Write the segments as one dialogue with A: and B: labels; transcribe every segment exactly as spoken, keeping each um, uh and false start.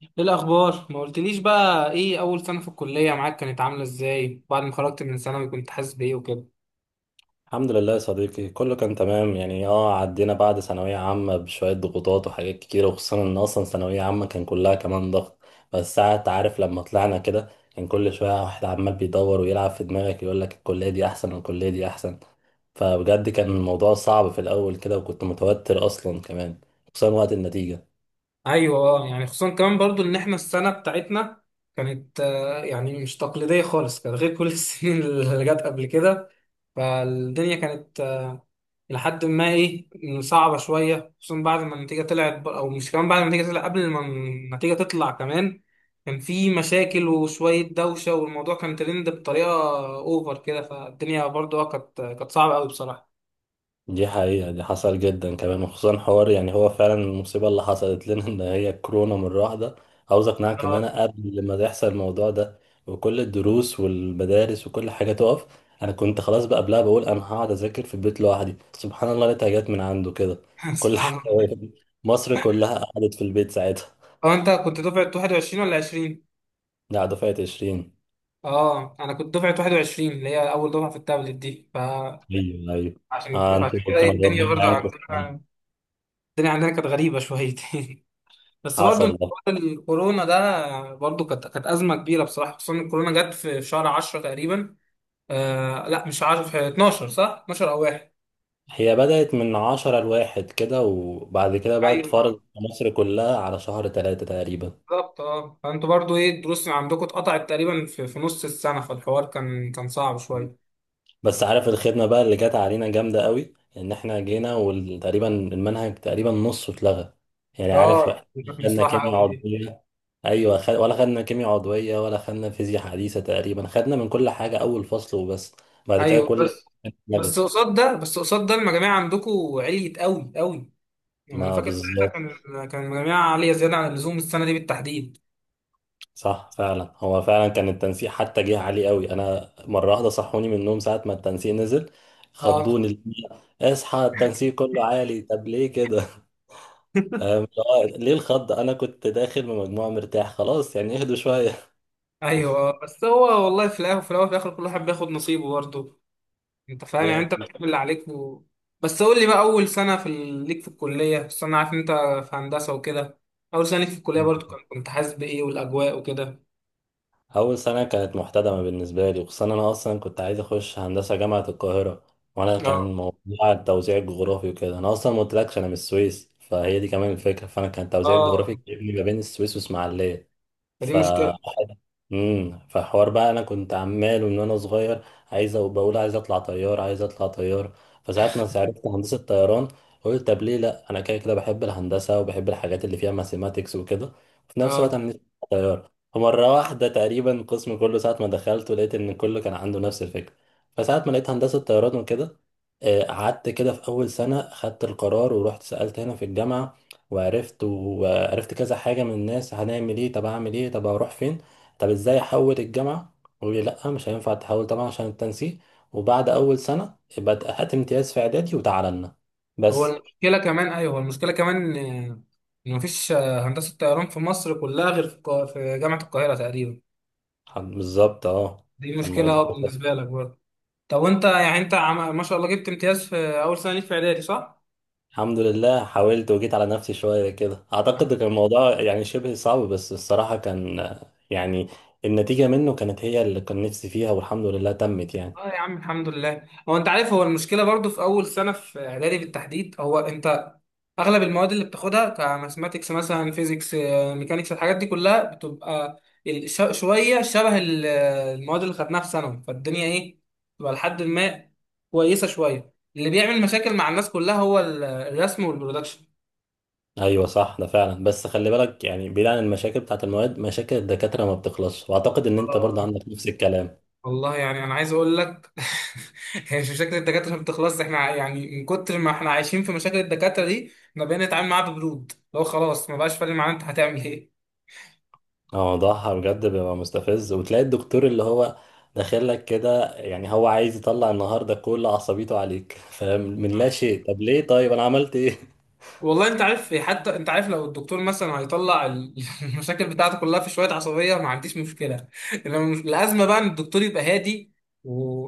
A: ايه الاخبار؟ ما قلتليش بقى، ايه اول سنه في الكليه معاك كانت عامله ازاي؟ بعد ما خرجت من ثانوي كنت حاسس بايه وكده؟
B: الحمد لله يا صديقي، كله كان تمام يعني. اه عدينا بعد ثانوية عامة بشوية ضغوطات وحاجات كتيرة، وخصوصا ان اصلا ثانوية عامة كان كلها كمان ضغط. بس ساعات عارف، لما طلعنا كده كان كل شوية واحد عمال بيدور ويلعب في دماغك يقول لك الكلية دي احسن والكلية دي احسن. فبجد كان الموضوع صعب في الاول كده، وكنت متوتر اصلا كمان، خصوصا وقت النتيجة.
A: ايوه، اه يعني خصوصا كمان برضو ان احنا السنه بتاعتنا كانت آه، يعني مش تقليديه خالص، كانت غير كل السنين اللي جت قبل كده. فالدنيا كانت لحد ما ايه، صعبة شوية. خصوصا بعد ما النتيجة طلعت ب- او مش كمان بعد ما النتيجة طلعت، قبل ما النتيجة تطلع كمان، كان في مشاكل وشوية دوشة، والموضوع كان ترند بطريقة اوفر كده. فالدنيا برضه آه، كانت كانت صعبة قوي بصراحة.
B: دي حقيقة، دي حصل جدا كمان، وخصوصا حوار يعني هو فعلا المصيبة اللي حصلت لنا ان هي كورونا مرة واحدة. عاوز اقنعك ان
A: اه.
B: انا قبل ما يحصل الموضوع ده وكل الدروس والمدارس وكل حاجة تقف، انا كنت خلاص بقى قبلها بقول انا هقعد اذاكر في البيت لوحدي. سبحان الله لقيتها جت من عنده كده. كل
A: سبحان
B: حاجة
A: الله.
B: وقفت. مصر كلها قعدت في البيت ساعتها.
A: هو انت كنت دفعة واحد وعشرين ولا عشرين؟
B: ده دفعة عشرين.
A: اه، انا كنت دفعة واحد وعشرين اللي هي اول دفعة في التابلت دي. فعشان
B: ايوه، ايوه.
A: عشان
B: آه، انتوا
A: كده،
B: كان
A: إيه، الدنيا
B: ربنا
A: برضه
B: يعينكم.
A: عندنا الدنيا عندنا كانت غريبة شويتين. بس برضو
B: حصل.
A: حوار الكورونا ده برضو كانت كانت ازمه كبيره بصراحه، خصوصا إن الكورونا جت في في شهر عشرة تقريبا. آه لا، مش عشرة، في اثنا عشر. صح، اتناشر او واحد.
B: هي بدأت من عشرة لواحد كده، وبعد كده بقى
A: ايوه
B: اتفرضت في مصر كلها على شهر تلاتة تقريبا.
A: بالظبط. اه فانتوا برضو ايه، الدروس اللي عندكم اتقطعت تقريبا في, في نص السنه، فالحوار كان كان صعب شويه.
B: بس عارف الخدمة بقى اللي جت علينا جامدة قوي ان احنا جينا وتقريبا المنهج تقريبا نصه اتلغى. يعني عارف،
A: اه،
B: احنا
A: دي كانت
B: خدنا
A: مصلحه
B: كيمياء
A: قوي دي.
B: عضوية. ايوه، خد... ولا خدنا كيمياء عضوية، ولا خدنا فيزياء حديثة. تقريبا خدنا من كل حاجة اول فصل وبس. بعد كده
A: ايوه.
B: كل
A: بس
B: حاجة
A: بس
B: اتلغت.
A: قصاد ده بس قصاد ده المجاميع عندكم عليت قوي قوي. يعني انا
B: ما
A: فاكر ساعتها
B: بالظبط.
A: كان كان المجاميع عاليه، زياده عن اللزوم السنه دي بالتحديد.
B: صح، فعلا هو فعلا كان التنسيق حتى جه عالي قوي. انا مره واحده صحوني من النوم ساعه ما التنسيق نزل.
A: اه.
B: خضوني اللي هي اصحى التنسيق كله عالي. طب ليه كده؟ أم، لا، ليه الخض؟ انا كنت داخل بمجموعه مرتاح خلاص يعني، اهدوا شويه.
A: ايوه. آه، بس هو والله، في الاخر، في الاول في الاخر كل واحد بياخد نصيبه برضه. انت فاهم، يعني انت
B: يعني
A: بتعمل اللي عليك و... بس قول لي بقى، اول سنه في ال- ليك في الكليه. بس انا عارف إن انت في هندسه وكده. اول سنه ليك في الكليه برضه كان- كنت حاسس بايه والاجواء وكده؟
B: اول سنه كانت محتدمه بالنسبه لي، وخصوصا انا اصلا كنت عايز اخش هندسه جامعه القاهره، وانا
A: اه،
B: كان موضوع التوزيع الجغرافي وكده. انا اصلا ما قلتلكش انا من السويس، فهي دي كمان الفكره، فانا كان التوزيع
A: اه،
B: الجغرافي جايبني ما بين السويس واسماعيليه.
A: فدي
B: ف
A: مشكله.
B: امم فحوار بقى، انا كنت عمال من وانا صغير عايز أبقى بقول عايز اطلع طيار، عايز اطلع طيار. فساعات ما عرفت هندسه طيران قلت طب ليه لا، انا كده كده بحب الهندسه وبحب الحاجات اللي فيها ماثيماتكس وكده، وفي نفس الوقت
A: اه،
B: انا نفسي أطلع طيار. فمره واحده تقريبا القسم كله ساعه ما دخلت ولقيت ان كله كان عنده نفس الفكره. فساعه ما لقيت هندسه طيران وكده، آه، قعدت كده في اول سنه خدت القرار ورحت سالت هنا في الجامعه. وعرفت وعرفت كذا حاجه من الناس: هنعمل ايه؟ طب اعمل ايه؟ طب اروح فين؟ طب ازاي احول الجامعه؟ قالوا لي لا، مش هينفع تحول طبعا عشان التنسيق. وبعد اول سنه يبقى ت- هات امتياز في اعدادي وتعالى لنا.
A: هو
B: بس
A: المشكله كمان، ايوه، هو المشكله كمان آه، ان مفيش آه، هندسه طيران في مصر كلها غير في القا- في جامعه القاهره تقريبا.
B: ح- بالظبط، اه،
A: دي
B: كان
A: مشكله
B: الموضوع.
A: آه، بالنسبه لك برضه. طب وانت، يعني انت عم... ما شاء الله جبت امتياز في اول سنه ليك في اعدادي، صح؟
B: الحمد لله، حاولت وجيت على نفسي شويه كده. اعتقد كان الموضوع يعني شبه صعب، بس الصراحه كان آه، يعني النتيجه منه كانت هي اللي كان نفسي فيها، والحمد لله تمت يعني.
A: اه يا عم، الحمد لله. هو انت عارف، هو المشكله برضو في اول سنه في اعدادي بالتحديد. هو انت اغلب المواد اللي بتاخدها، كماثماتكس مثلا، فيزيكس، آه، ميكانيكس، الحاجات دي كلها بتبقى ال- ش- شويه شبه ال- المواد اللي خدناها في ثانوي. فالدنيا ايه، بتبقى لحد ما كويسه شويه. اللي بيعمل مشاكل مع الناس كلها هو ال- الرسم والبرودكشن.
B: ايوه، صح، ده فعلا. بس خلي بالك يعني، بعيد عن المشاكل بتاعت المواد، مشاكل الدكاتره ما بتخلصش، واعتقد ان انت برضه عندك نفس الكلام.
A: والله يعني انا عايز اقول لك. هي مش مشاكل الدكاتره ما بتخلص، احنا ع- يعني من كتر ما احنا عايشين في مشاكل الدكاتره دي، احنا بقينا نتعامل معاها ببرود. لو خلاص، ما بقاش فارق معانا، انت هتعمل ايه؟
B: موضوعها بجد بيبقى مستفز، وتلاقي الدكتور اللي هو داخل لك كده، يعني هو عايز يطلع النهارده كل عصبيته عليك فاهم، من لا شيء. طب ليه؟ طيب انا عملت ايه؟
A: والله انت عارف. حتى انت عارف لو الدكتور مثلا هيطلع ال- المشاكل بتاعته كلها في شويه عصبيه، ما عنديش مشكله. انما مش- الازمه بقى ان الدكتور يبقى هادي، و...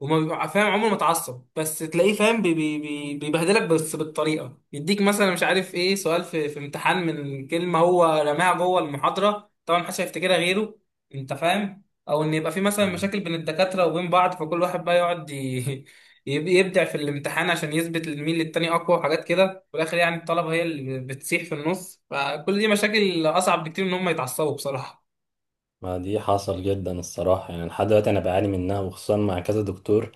A: وما بيبقى فاهم، عمره ما اتعصب، بس تلاقيه فاهم بي... بي... بي- بيبهدلك، بس بالطريقه يديك مثلا، مش عارف ايه، سؤال في, في امتحان من كلمه هو رماها جوه المحاضره، طبعا محدش هيفتكرها غيره. انت فاهم؟ او ان يبقى في مثلا مشاكل بين الدكاتره وبين بعض، فكل واحد بقى يقعد ي... يب- يبدع في الامتحان عشان يثبت مين للتاني اقوى، وحاجات كده. في الاخر يعني الطلبه هي اللي بتسيح في النص، فكل دي مشاكل اصعب بكتير من ان هم يتعصبوا بصراحه.
B: ما دي حصل جدا الصراحة، يعني لحد دلوقتي أنا بعاني منها، وخصوصا مع كذا دكتور.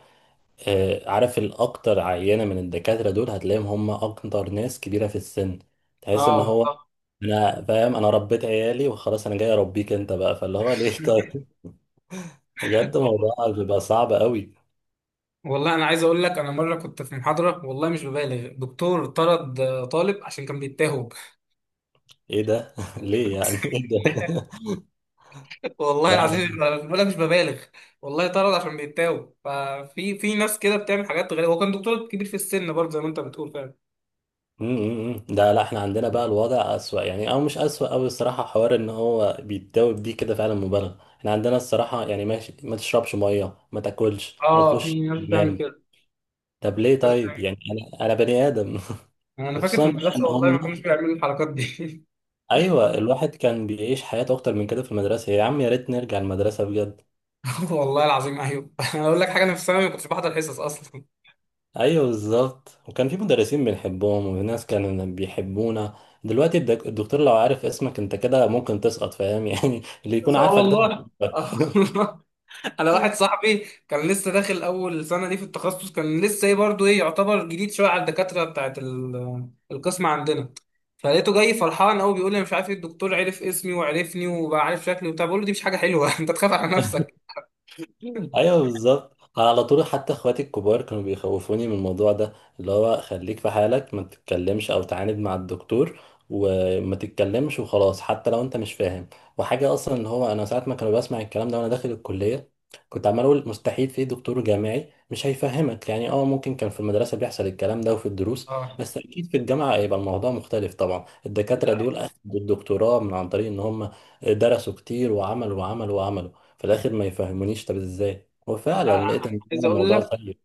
B: آه، عارف، الأكتر عينة من الدكاترة دول هتلاقيهم هم أكتر ناس كبيرة في السن. تحس إن
A: اه
B: هو أنا فاهم، أنا ربيت عيالي وخلاص، أنا جاي أربيك أنت بقى، فاللي هو ليه؟ طيب. بجد
A: والله.
B: موضوع بيبقى صعب قوي.
A: والله انا عايز اقول لك، انا مره كنت في محاضره، والله مش ببالغ، دكتور طرد آه، طالب عشان كان بيتاهب.
B: ايه ده؟ ليه يعني؟
A: أقسم
B: ايه ده؟
A: بالله. والله
B: لا، لا،
A: العظيم
B: لا.
A: أنا بقول لك مش ببالغ، والله طرد عشان بيتاهب. ففي في ناس كده بتعمل حاجات غريبه، هو كان دكتور كبير في السن برضه، زي ما انت بتقول فعلا.
B: م- م- م. ده لا، احنا عندنا بقى الوضع اسوأ، يعني او مش اسوأ او الصراحة حوار ان هو بيتداوب دي كده فعلا مبالغة. احنا عندنا الصراحة يعني ماشي، ما تشربش مية، ما تاكلش، ما
A: اه،
B: تخش
A: في ناس بتعمل
B: حمام.
A: كده.
B: طب ليه؟
A: ناس
B: طيب
A: بتعمل-
B: يعني، انا انا بني ادم.
A: انا فاكر في
B: وخصوصا بقى ان
A: المدرسه والله ما
B: هم
A: كانوش بيعملوا الحركات دي.
B: ايوه الواحد كان بيعيش حياته اكتر من كده في المدرسة يا عم. يا ريت نرجع المدرسة بجد.
A: والله العظيم، ايوه. انا اقول لك حاجه، انا في الثانوي ما كنتش بحضر حصص اصلا.
B: ايوه، بالظبط، وكان في مدرسين بنحبهم، وفي ناس كانوا بيحبونا. دلوقتي الدك- الدكتور لو عارف اسمك انت كده ممكن تسقط، فاهم يعني اللي
A: بس-
B: يكون
A: اه
B: عارفك ده
A: والله.
B: هيحبك.
A: آه والله. انا واحد صاحبي كان لسه داخل اول سنه دي في التخصص، كان لسه ايه برضه، ايه، يعتبر جديد شويه على الدكاتره بتاعت ال- آه، القسم عندنا. فلقيته جاي فرحان قوي، بيقول لي أنا مش عارف ايه، الدكتور عرف اسمي وعرفني وبقى عارف شكلي وبتاع. بقول له دي مش حاجه حلوه. انت تخاف على نفسك.
B: ايوه، بالظبط. انا على طول حتى اخواتي الكبار كانوا بيخوفوني من الموضوع ده، اللي هو خليك في حالك، ما تتكلمش او تعاند مع الدكتور، وما تتكلمش وخلاص حتى لو انت مش فاهم. وحاجه اصلا اللي هو انا ساعات ما كانوا بسمع الكلام ده وانا داخل الكليه كنت عمال اقول مستحيل في دكتور جامعي مش هيفهمك. يعني اه ممكن كان في المدرسه بيحصل الكلام ده وفي الدروس،
A: اه،
B: بس اكيد في الجامعه هيبقى الموضوع مختلف. طبعا الدكاتره
A: لا
B: دول اخدوا الدكتوراه من عن طريق ان هم درسوا كتير وعملوا وعملوا وعملوا. في الاخر ما يفهمونيش؟ طب ازاي؟
A: لا.
B: وفعلا
A: انا
B: لقيت ان
A: عايز
B: هو
A: اقول
B: الموضوع
A: لك
B: سيء.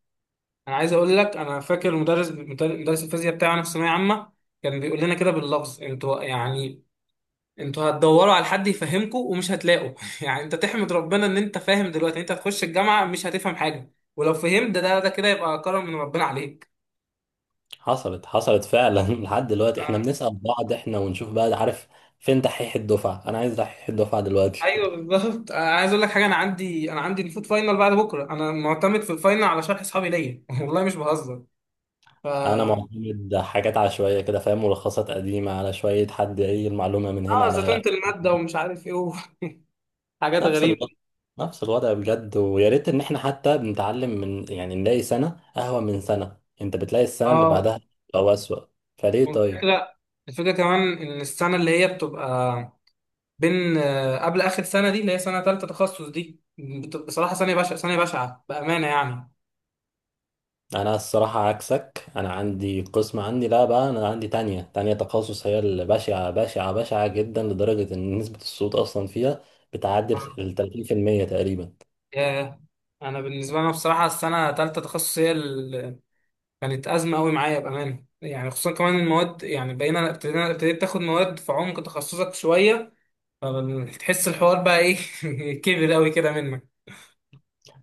A: انا عايز اقول لك، انا فاكر المدرس، مدرس الفيزياء بتاعنا في ثانويه عامه، كان بيقول لنا كده باللفظ: انتوا يعني انتوا هتدوروا على حد يفهمكم ومش هتلاقوا. يعني انت تحمد ربنا ان انت فاهم دلوقتي. انت هتخش الجامعة مش هتفهم حاجة، ولو فهمت ده ده ده كده يبقى كرم من ربنا عليك.
B: حصلت، حصلت فعلا لحد دلوقتي احنا بنسأل بعض، احنا ونشوف بقى، عارف، فين دحيح الدفعة؟ انا عايز دحيح الدفعة
A: آه،
B: دلوقتي.
A: ايوه بالظبط. آه، عايز اقول لك حاجه، انا عندي انا عندي المفروض فاينل بعد بكره، انا معتمد في الفاينل على شرح اصحابي ليا. والله مش بهزر. ف
B: انا معتمد حاجات عشوائية كده، فاهم، ملخصات قديمة على شوية، حد ايه المعلومة من هنا
A: اه
B: على
A: زتونت الماده ومش عارف ايه و- حاجات
B: نفس
A: غريبه.
B: الوضع. نفس الوضع بجد. ويا ريت ان احنا حتى بنتعلم من يعني نلاقي سنة اهون من سنة. انت بتلاقي السنة اللي
A: اه،
B: بعدها او اسوأ. فليه طيب؟
A: والفكره الفكره كمان ان السنه اللي هي بتبقى بين آه، قبل اخر سنه، دي اللي هي سنه ثالثه تخصص، دي بت- بصراحه ثانيه بشعه، ثانيه بشعه بامانه يعني.
B: انا الصراحه عكسك. انا عندي قسم، عندي لا بقى، انا عندي تانية تانية تخصص هي اللي بشعه بشعه بشعه جدا، لدرجه ان نسبه الصوت اصلا فيها بتعدي
A: آه.
B: ال تلاتين بالمية تقريبا.
A: ياه. انا بالنسبه لنا بصراحه السنه ثالثه تخصص هي اللي كانت ازمه قوي معايا بامانه يعني، خصوصا كمان المواد، يعني بقينا ابتدينا ابتديت تاخد مواد في عمق تخصصك شويه، فتحس الحوار بقى ايه، كبر قوي كده منك.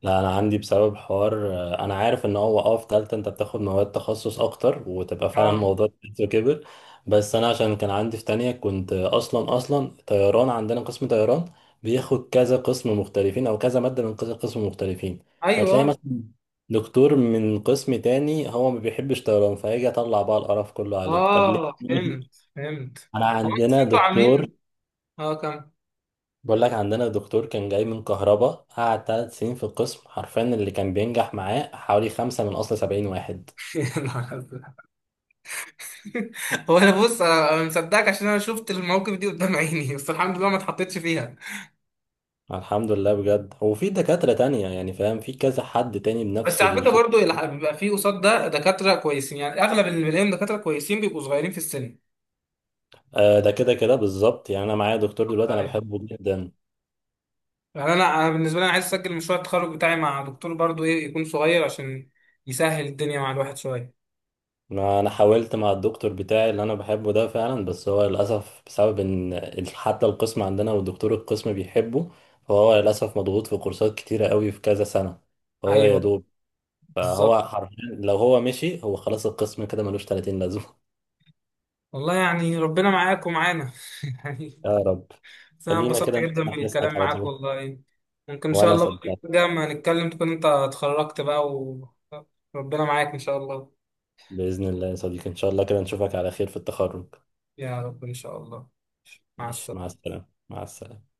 B: لا انا عندي بسبب حوار، آه، انا عارف ان هو اه في تالتة انت بتاخد مواد تخصص اكتر، وتبقى فعلا
A: اه،
B: الموضوع كبير كبر. بس انا عشان كان عندي في تانية كنت اصلا اصلا طيران. عندنا قسم طيران بياخد كذا قسم مختلفين، او كذا مادة من كذا قسم مختلفين. فتلاقي
A: ايوه،
B: مثلا دكتور من قسم تاني هو ما بيحبش طيران، فهيجي يطلع بقى القرف كله عليك. طب ليه؟
A: اه، فهمت فهمت.
B: انا
A: هو
B: عندنا
A: انتوا
B: دكتور،
A: عاملين اه كم؟
B: بقول لك عندنا دكتور كان جاي من كهربا، قعد ثلاث سنين في القسم، حرفيا اللي كان بينجح معاه حوالي خمسة من أصل سبعين واحد.
A: هو انا بص، انا أنا مصدقك عشان انا شفت المواقف دي قدام عيني، بس الحمد لله ما اتحطيتش فيها.
B: الحمد لله بجد. وفي دكاترة تانية، يعني فاهم، في كذا حد تاني
A: بس
B: بنفس
A: على فكره
B: الفكرة.
A: برضو، الح- بيبقى فيه قصاد ده دكاتره كويسين، يعني اغلب اللي بلاقيهم دكاتره كويسين بيبقوا صغيرين في السن.
B: آه، ده كده كده بالظبط. يعني أنا معايا دكتور دلوقتي أنا
A: أيوة.
B: بحبه جدا.
A: يعني انا انا بالنسبه لي، انا عايز اسجل مشروع التخرج بتاعي مع دكتور برضو ايه يكون صغير، عشان يسهل الدنيا مع الواحد شويه.
B: ما أنا حاولت مع الدكتور بتاعي اللي أنا بحبه ده فعلا، بس هو للأسف بسبب إن ال- حتى القسم عندنا ودكتور القسم بيحبه، فهو للأسف مضغوط في كورسات كتيرة قوي في كذا سنة. فهو يا
A: ايوه
B: دوب.
A: بالظبط.
B: فهو حرفيا لو هو مشي، هو خلاص القسم كده ملوش تلاتين لازمة
A: والله يعني ربنا معاك ومعانا. يعني،
B: يا رب.
A: بس أنا
B: خلينا
A: انبسطت
B: كده
A: جدا
B: نسمع حسك
A: بالكلام
B: على
A: معاك
B: طول.
A: والله. ممكن إن شاء
B: وأنا
A: الله،
B: صدقت.
A: بقى ما نتكلم تكون أنت اتخرجت بقى، وربنا معاك إن شاء الله.
B: بإذن الله يا صديقي، إن شاء الله كده نشوفك على خير في التخرج.
A: يا رب إن شاء الله. مع
B: ماشي، مع
A: السلامة.
B: السلامة، مع السلامة.